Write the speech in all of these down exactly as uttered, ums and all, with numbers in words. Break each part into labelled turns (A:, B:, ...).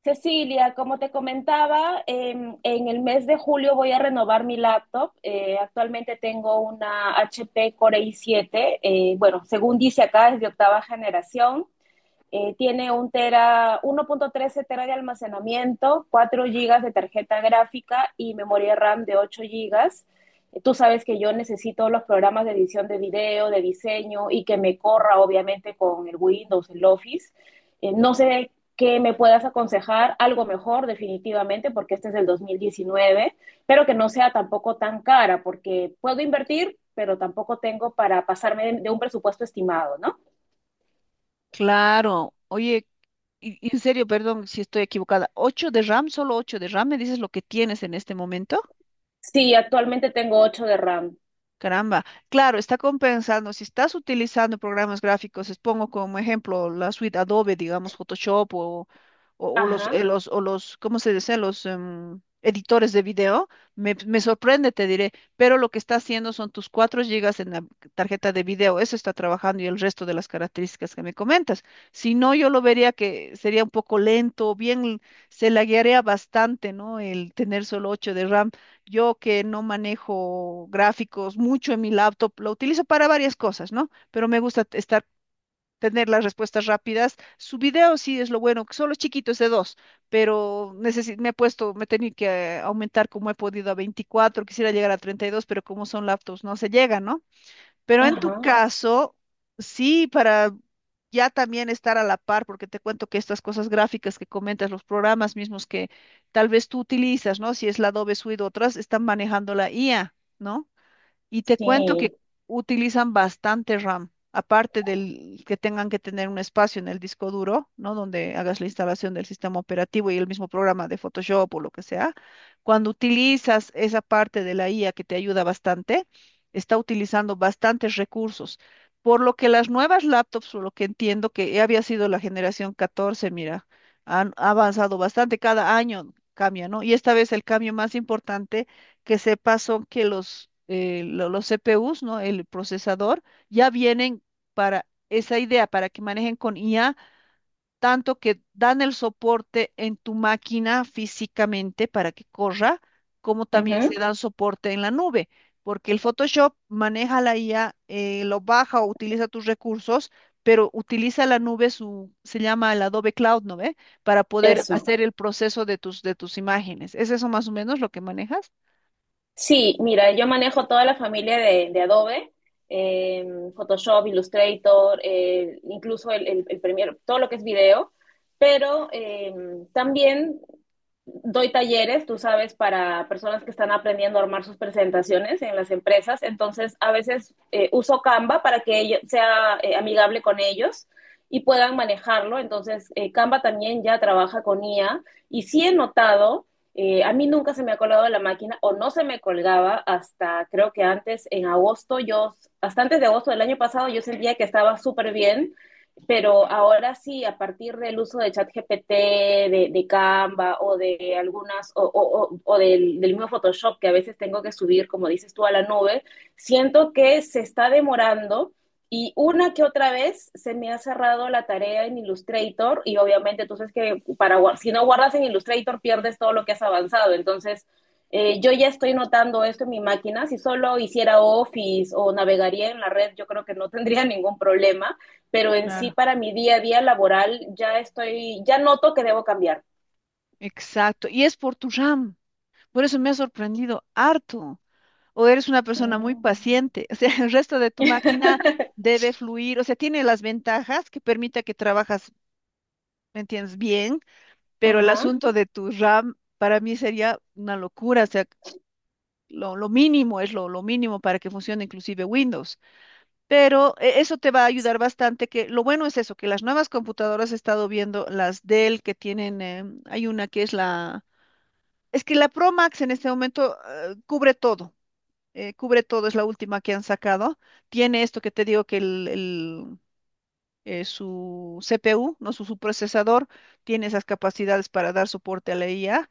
A: Cecilia, como te comentaba, em, en el mes de julio voy a renovar mi laptop. Eh, actualmente tengo una H P Core i siete. eh, bueno, según dice acá es de octava generación. Eh, tiene un tera, uno punto trece tera de almacenamiento, cuatro gigas de tarjeta gráfica y memoria RAM de ocho gigas. Eh, Tú sabes que yo necesito los programas de edición de video, de diseño y que me corra obviamente con el Windows, el Office. Eh, no sé qué me puedas aconsejar algo mejor definitivamente, porque este es del dos mil diecinueve, pero que no sea tampoco tan cara, porque puedo invertir, pero tampoco tengo para pasarme de, de un presupuesto estimado, ¿no?
B: Claro, oye, y- y en serio, perdón si estoy equivocada. ¿ocho de RAM? ¿Solo ocho de RAM? ¿solo ocho de ram me dices lo que tienes en este momento?
A: Sí, actualmente tengo ocho de RAM.
B: Caramba, claro, está compensando. Si estás utilizando programas gráficos, les pongo como ejemplo la suite Adobe, digamos Photoshop o, o- o los,
A: Ajá,
B: eh, los, o los, ¿cómo se dice? Los em, editores de video. Me, me sorprende, te diré, pero lo que está haciendo son tus cuatro gigas en la tarjeta de video, eso está trabajando y el resto de las características que me comentas. Si no, yo lo vería que sería un poco lento, bien, se laguearía bastante, ¿no? El tener solo ocho de RAM, yo que no manejo gráficos mucho en mi laptop, lo utilizo para varias cosas, ¿no? Pero me gusta t- estar, tener las respuestas rápidas. Su video sí es lo bueno, que solo es chiquito, es de dos, pero necesi- me he puesto, me he tenido que eh, aumentar como he podido a veinticuatro. Quisiera llegar a treinta y dos, pero como son laptops, no se llega, ¿no? Pero en tu
A: ajá,
B: caso, sí, para ya también estar a la par, porque te cuento que estas cosas gráficas que comentas, los programas mismos que tal vez tú utilizas, ¿no? Si es la Adobe Suite o otras, están manejando la I A, ¿no? Y te cuento
A: sí.
B: que utilizan bastante RAM, aparte del que tengan que tener un espacio en el disco duro, ¿no? Donde hagas la instalación del sistema operativo y el mismo programa de Photoshop o lo que sea. Cuando utilizas esa parte de la I A que te ayuda bastante, está utilizando bastantes recursos. Por lo que las nuevas laptops, por lo que entiendo que ya había sido la generación catorce, mira, han ha avanzado bastante, cada año cambia, ¿no? Y esta vez el cambio más importante que sepas son que los, eh, lo- los C P Us, ¿no? El procesador, ya vienen para esa idea, para que manejen con I A, tanto que dan el soporte en tu máquina físicamente para que corra, como también se
A: Ujú.
B: dan soporte en la nube, porque el Photoshop maneja la I A. Eh, lo baja o utiliza tus recursos, pero utiliza la nube. Su, se llama el Adobe Cloud, ¿no ve? Para poder
A: Eso.
B: hacer el proceso de tus, de tus imágenes. ¿Es eso más o menos lo que manejas?
A: Sí, mira, yo manejo toda la familia de, de Adobe, eh, Photoshop, Illustrator, eh, incluso el, el, el Premiere, todo lo que es video, pero eh, también doy talleres, tú sabes, para personas que están aprendiendo a armar sus presentaciones en las empresas. Entonces a veces eh, uso Canva para que ello- sea eh, amigable con ellos y puedan manejarlo. Entonces eh, Canva también ya trabaja con I A y sí he notado, eh, a mí nunca se me ha colgado la máquina, o no se me colgaba hasta creo que antes, en agosto, yo, hasta antes de agosto del año pasado, yo sentía que estaba súper bien. Pero ahora sí, a partir del uso de ChatGPT, de, de Canva o de algunas, o, o, o o del, del, mismo Photoshop que a veces tengo que subir, como dices tú, a la nube, siento que se está demorando. Y una que otra vez se me ha cerrado la tarea en Illustrator, y obviamente tú sabes que para, si no guardas en Illustrator pierdes todo lo que has avanzado. Entonces, eh, yo ya estoy notando esto en mi máquina. Si solo hiciera Office o navegaría en la red, yo creo que no tendría ningún problema. Pero en sí,
B: Claro.
A: para mi día a día laboral, ya estoy, ya noto que debo cambiar.
B: Exacto, y es por tu RAM. Por eso me ha sorprendido harto. O eres una persona muy
A: Mm.
B: paciente. O sea, el resto de tu máquina debe fluir. O sea, tiene las ventajas que permita que trabajas, ¿me entiendes? Bien, pero el
A: Ajá.
B: asunto de tu RAM para mí sería una locura. O sea, lo, lo mínimo es lo, lo mínimo para que funcione inclusive Windows. Pero eh, eso te va a ayudar bastante, que lo bueno es eso, que las nuevas computadoras he estado viendo, las Dell que tienen, em, hay una que es la... Es que la Pro Max en este momento eh, cubre todo, eh, cubre todo, es la última que han sacado. Tiene esto que te digo que el, el, eh, su C P U, no su, su procesador, tiene esas capacidades para dar soporte a la I A,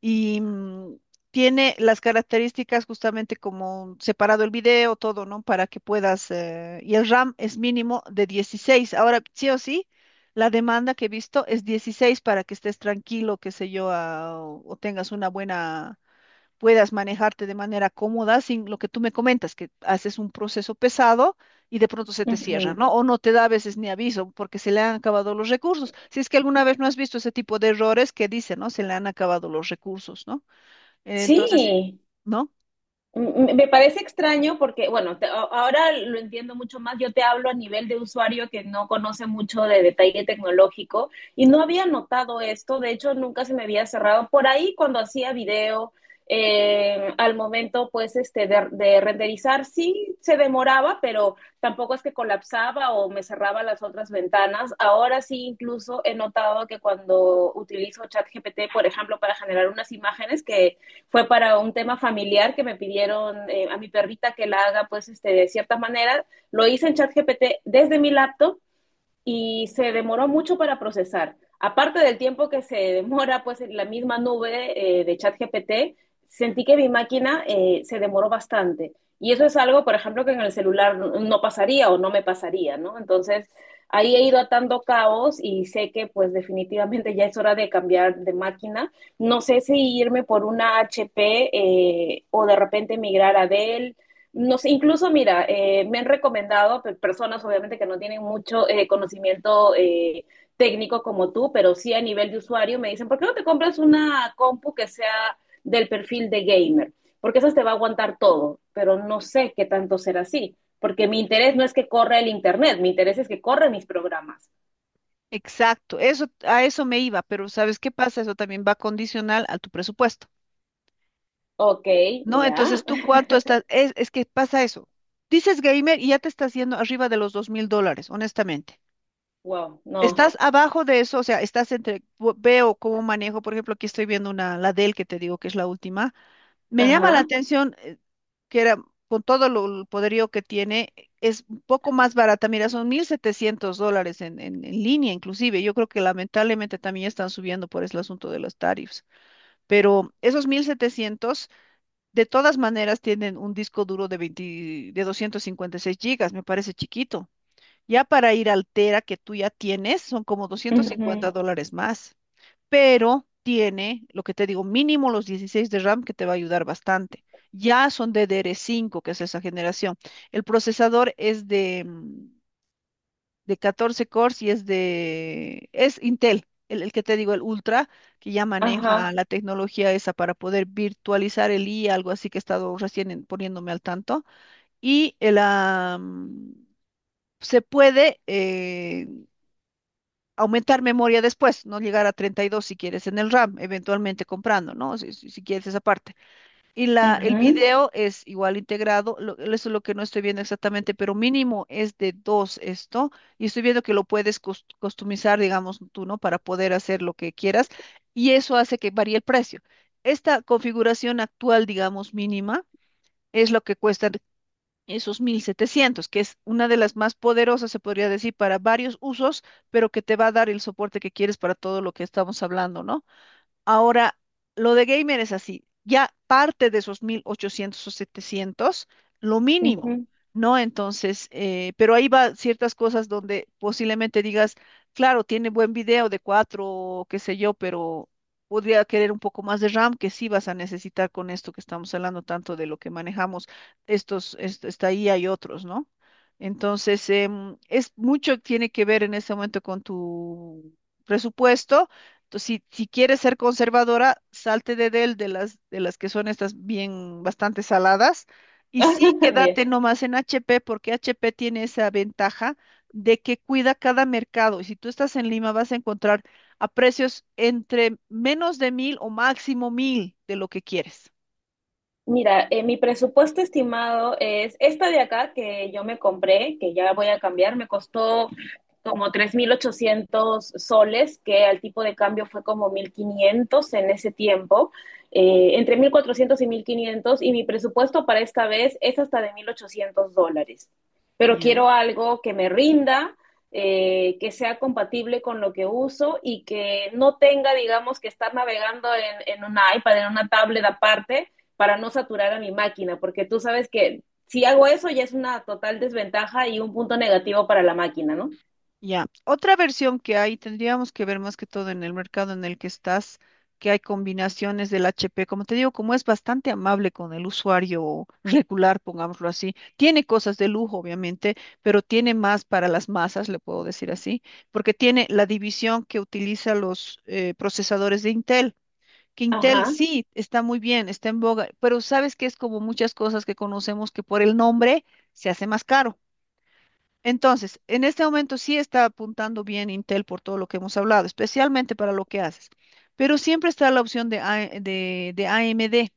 B: y mm, tiene las características justamente como separado el video, todo, ¿no? Para que puedas, eh, y el RAM es mínimo de dieciséis. Ahora, sí o sí. La demanda que he visto es dieciséis para que estés tranquilo, qué sé yo, a- o tengas una buena, puedas manejarte de manera cómoda sin lo que tú me comentas, que haces un proceso pesado y de pronto se te cierra,
A: Ujú.
B: ¿no? O no te da a veces ni aviso porque se le han acabado los recursos. Si es que alguna vez no has visto ese tipo de errores que dicen, ¿no? Se le han acabado los recursos, ¿no? Entonces,
A: Sí.
B: ¿no?
A: Me parece extraño porque, bueno, te, ahora lo entiendo mucho más. Yo te hablo a nivel de usuario que no conoce mucho de detalle tecnológico, y no había notado esto. De hecho, nunca se me había cerrado. Por ahí, cuando hacía video, eh, al momento, pues, este, de, de, renderizar, sí se demoraba, pero tampoco es que colapsaba o me cerraba las otras ventanas. Ahora sí, incluso he notado que cuando utilizo ChatGPT, por ejemplo, para generar unas imágenes que fue para un tema familiar que me pidieron, eh, a mi perrita que la haga pues este, de cierta manera. Lo hice en ChatGPT desde mi laptop y se demoró mucho para procesar. Aparte del tiempo que se demora, pues, en la misma nube eh, de ChatGPT, sentí que mi máquina eh, se demoró bastante. Y eso es algo, por ejemplo, que en el celular no pasaría o no me pasaría, ¿no? Entonces, ahí he ido atando cabos y sé que, pues, definitivamente ya es hora de cambiar de máquina. No sé si irme por una H P, eh, o de repente migrar a Dell, nos, incluso, mira, eh, me han recomendado personas, obviamente, que no tienen mucho eh, conocimiento eh, técnico como tú, pero sí a nivel de usuario, me dicen, ¿por qué no te compras una compu que sea del perfil de gamer? Porque esa te va a aguantar todo, pero no sé qué tanto será así, porque mi interés no es que corra el Internet, mi interés es que corra mis programas.
B: Exacto, eso, a eso me iba, pero ¿sabes qué pasa? Eso también va condicional a tu presupuesto,
A: Ok.
B: ¿no?
A: Ya.
B: Entonces, ¿tú cuánto estás? Es, es que pasa eso. Dices gamer y ya te estás yendo arriba de los dos mil dólares, honestamente.
A: Wow, no.
B: Estás abajo de eso, o sea, estás entre, bu- veo cómo manejo, por ejemplo, aquí estoy viendo una, la Dell que te digo que es la última. Me llama la
A: Ajá.
B: atención, eh, que era, con todo lo, el poderío que tiene, es un poco más barata. Mira, son mil setecientos dólares en, en, en línea inclusive. Yo creo que lamentablemente también están subiendo por el asunto de los tarifs. Pero esos mil setecientos de todas maneras, tienen un disco duro de veinte de doscientos cincuenta y seis gigas, me parece chiquito. Ya para ir al Tera que tú ya tienes, son como 250
A: Ujú.
B: dólares más, pero tiene, lo que te digo, mínimo los dieciséis de RAM que te va a ayudar bastante. Ya son D D R cinco, que es esa generación. El procesador es de, mm, de catorce cores y es de, es Intel, el, el que te digo, el Ultra, que ya
A: Ajá.
B: maneja la tecnología esa para poder virtualizar el I A, algo así que he estado recién en- poniéndome al tanto. Y el, ah, mm, Se puede, eh, aumentar memoria después, no llegar a treinta y dos si quieres en el RAM, eventualmente comprando, ¿no? Si, si- si quieres esa parte. Y la, el
A: Ujú,
B: video es igual integrado, lo- eso es lo que no estoy viendo exactamente, pero mínimo es de dos esto, y estoy viendo que lo puedes cus- customizar, digamos tú, ¿no? Para poder hacer lo que quieras, y eso hace que varíe el precio. Esta configuración actual, digamos, mínima. Es lo que cuesta esos mil setecientos, que es una de las más poderosas, se podría decir, para varios usos, pero que te va a dar el soporte que quieres para todo lo que estamos hablando, ¿no? Ahora, lo de gamer es así, ya parte de esos mil ochocientos o setecientos, lo mínimo,
A: ujú.
B: ¿no? Entonces, eh, pero ahí va ciertas cosas donde posiblemente digas, claro, tiene buen video de cuatro, qué sé yo, pero podría querer un poco más de RAM que sí vas a necesitar con esto que estamos hablando tanto de lo que manejamos, estos, est- esta I A y otros, ¿no? Entonces, em, es mucho, tiene que ver en este momento con tu presupuesto. Entonces, si, si quieres ser conservadora, salte de del, de las, de las que son estas bien bastante saladas, y sí
A: Yeah.
B: quédate nomás en H P, porque H P tiene esa ventaja de que cuida cada mercado. Y si tú estás en Lima, vas a encontrar a precios entre menos de mil o máximo mil de lo que quieres.
A: Mira, eh, mi presupuesto estimado es esta de acá que yo me compré, que ya voy a cambiar. Me costó como tres mil ochocientos soles, que al tipo de cambio fue como mil quinientos en ese tiempo, eh, entre mil cuatrocientos y mil quinientos. Y mi presupuesto para esta vez es hasta de mil ochocientos dólares. Pero
B: Ya.
A: quiero algo que me rinda, eh, que sea compatible con lo que uso y que no tenga, digamos, que estar navegando en, en un iPad, en una tablet aparte, para no saturar a mi máquina, porque tú sabes que si hago eso ya es una total desventaja y un punto negativo para la máquina, ¿no?
B: Ya, otra versión que hay, tendríamos que ver más que todo en el mercado en el que estás, que hay combinaciones del H P, como te digo, como es bastante amable con el usuario regular, pongámoslo así, tiene cosas de lujo, obviamente, pero tiene más para las masas, le puedo decir así, porque tiene la división que utiliza los eh, procesadores de Intel. Que Intel
A: Ajá.
B: sí está muy bien, está en boga, pero sabes que es como muchas cosas que conocemos que por el nombre se hace más caro. Entonces, en este momento sí está apuntando bien Intel por todo lo que hemos hablado, especialmente para lo que haces, pero siempre está la opción de, A- de, de A M D,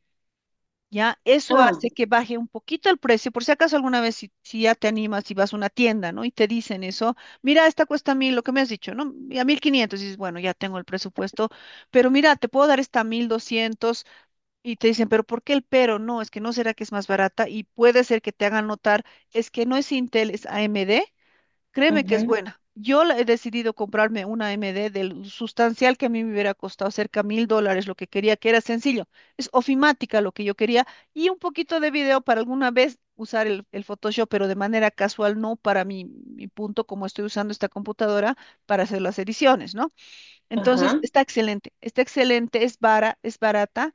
B: ¿ya? Eso
A: Ah,
B: hace que baje un poquito el precio, por si acaso alguna vez si, si ya te animas y vas a una tienda, ¿no? Y te dicen eso, mira, esta cuesta mil, lo que me has dicho, ¿no? Y a mil quinientos, dices, bueno, ya tengo el presupuesto, pero mira, te puedo dar esta mil doscientos, y te dicen, pero ¿por qué el pero? No, es que no será que es más barata y puede ser que te hagan notar, es que no es Intel, es A M D. Créeme que es
A: ujú.
B: buena. Yo la- he decidido comprarme una M D del sustancial que a mí me hubiera costado cerca de mil dólares, lo que quería, que era sencillo. Es ofimática lo que yo quería y un poquito de video para alguna vez usar el, el Photoshop, pero de manera casual, no para mi, mi punto, como estoy usando esta computadora para hacer las ediciones, ¿no? Entonces,
A: Ajá.
B: está excelente, está excelente, es bara- es barata.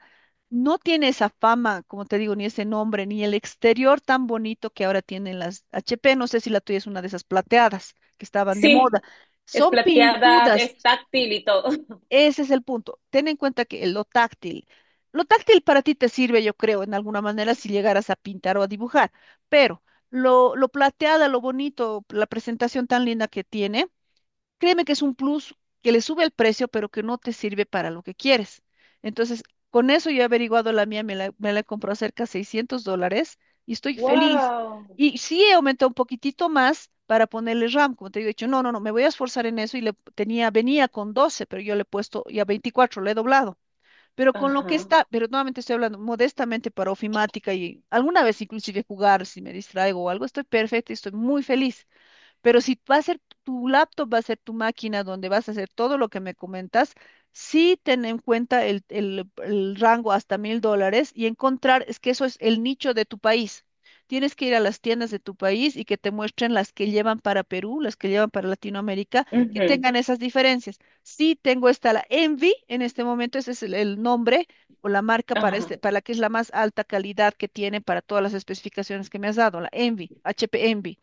B: No tiene esa fama, como te digo, ni ese nombre, ni el exterior tan bonito que ahora tienen las H P. No sé si la tuya es una de esas plateadas que estaban de moda.
A: Sí, es
B: Son
A: plateada,
B: pintudas,
A: es táctil y todo.
B: ese es el punto. Ten en cuenta que lo táctil, lo táctil para ti te sirve, yo creo, en alguna manera si llegaras a pintar o a dibujar, pero lo, lo plateada, lo bonito, la presentación tan linda que tiene. Créeme que es un plus que le sube el precio, pero que no te sirve para lo que quieres. Entonces, con eso yo he averiguado la mía, me la, me la he comprado cerca de seiscientos dólares y estoy feliz.
A: Wow.
B: Y sí he aumentado un poquitito más para ponerle RAM, como te digo, he dicho, no, no, no, me voy a esforzar en eso y le tenía, venía con doce, pero yo le he puesto ya veinticuatro, le he doblado. Pero con lo que
A: Ajá.
B: está, pero nuevamente estoy hablando modestamente para ofimática y alguna vez inclusive jugar, si me distraigo o algo, estoy perfecta y estoy muy feliz. Pero si va a ser tu laptop, va a ser tu máquina donde vas a hacer todo lo que me comentas, sí ten en cuenta el, el- el rango hasta mil dólares y encontrar, es que eso es el nicho de tu país. Tienes que ir a las tiendas de tu país y que te muestren las que llevan para Perú, las que llevan para Latinoamérica, que
A: Ujú.
B: tengan esas diferencias. Sí tengo esta, la Envy, en este momento ese es el, el nombre o la marca para
A: Ajá.
B: este, para la que es la más alta calidad que tiene para todas las especificaciones que me has dado, la Envy, H P Envy.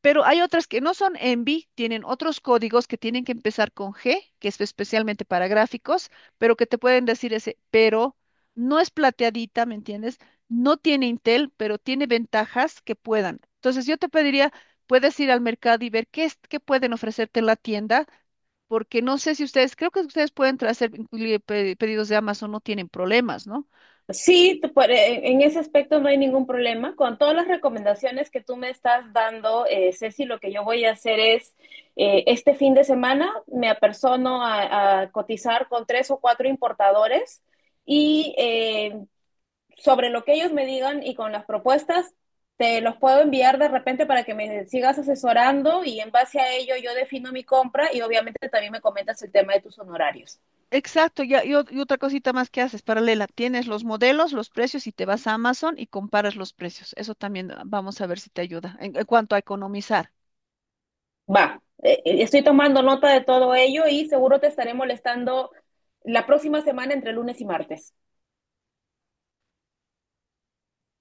B: Pero hay otras que no son ENVI, tienen otros códigos que tienen que empezar con G, que es especialmente para gráficos, pero que te pueden decir ese, pero no es plateadita, ¿me entiendes? No tiene Intel, pero tiene ventajas que puedan. Entonces yo te pediría, puedes ir al mercado y ver qué es, qué pueden ofrecerte en la tienda, porque no sé si ustedes, creo que ustedes pueden tra- hacer incluye pe- pedidos de Amazon, no tienen problemas, ¿no?
A: Sí, tú puede- en ese aspecto no hay ningún problema. Con todas las recomendaciones que tú me estás dando, eh, Ceci, lo que yo voy a hacer es, eh, este fin de semana me apersono a, a cotizar con tres o cuatro importadores, y eh, sobre lo que ellos me digan y con las propuestas, te los puedo enviar de repente para que me sigas asesorando, y en base a ello yo defino mi compra, y obviamente también me comentas el tema de tus honorarios.
B: Exacto, ya, y, ot- y otra cosita más que haces, paralela, tienes los modelos, los precios y te vas a Amazon y comparas los precios. Eso también, ah, vamos a ver si te ayuda en, en cuanto a economizar.
A: Va, eh, eh, estoy tomando nota de todo ello y seguro te estaré molestando la próxima semana entre lunes y martes.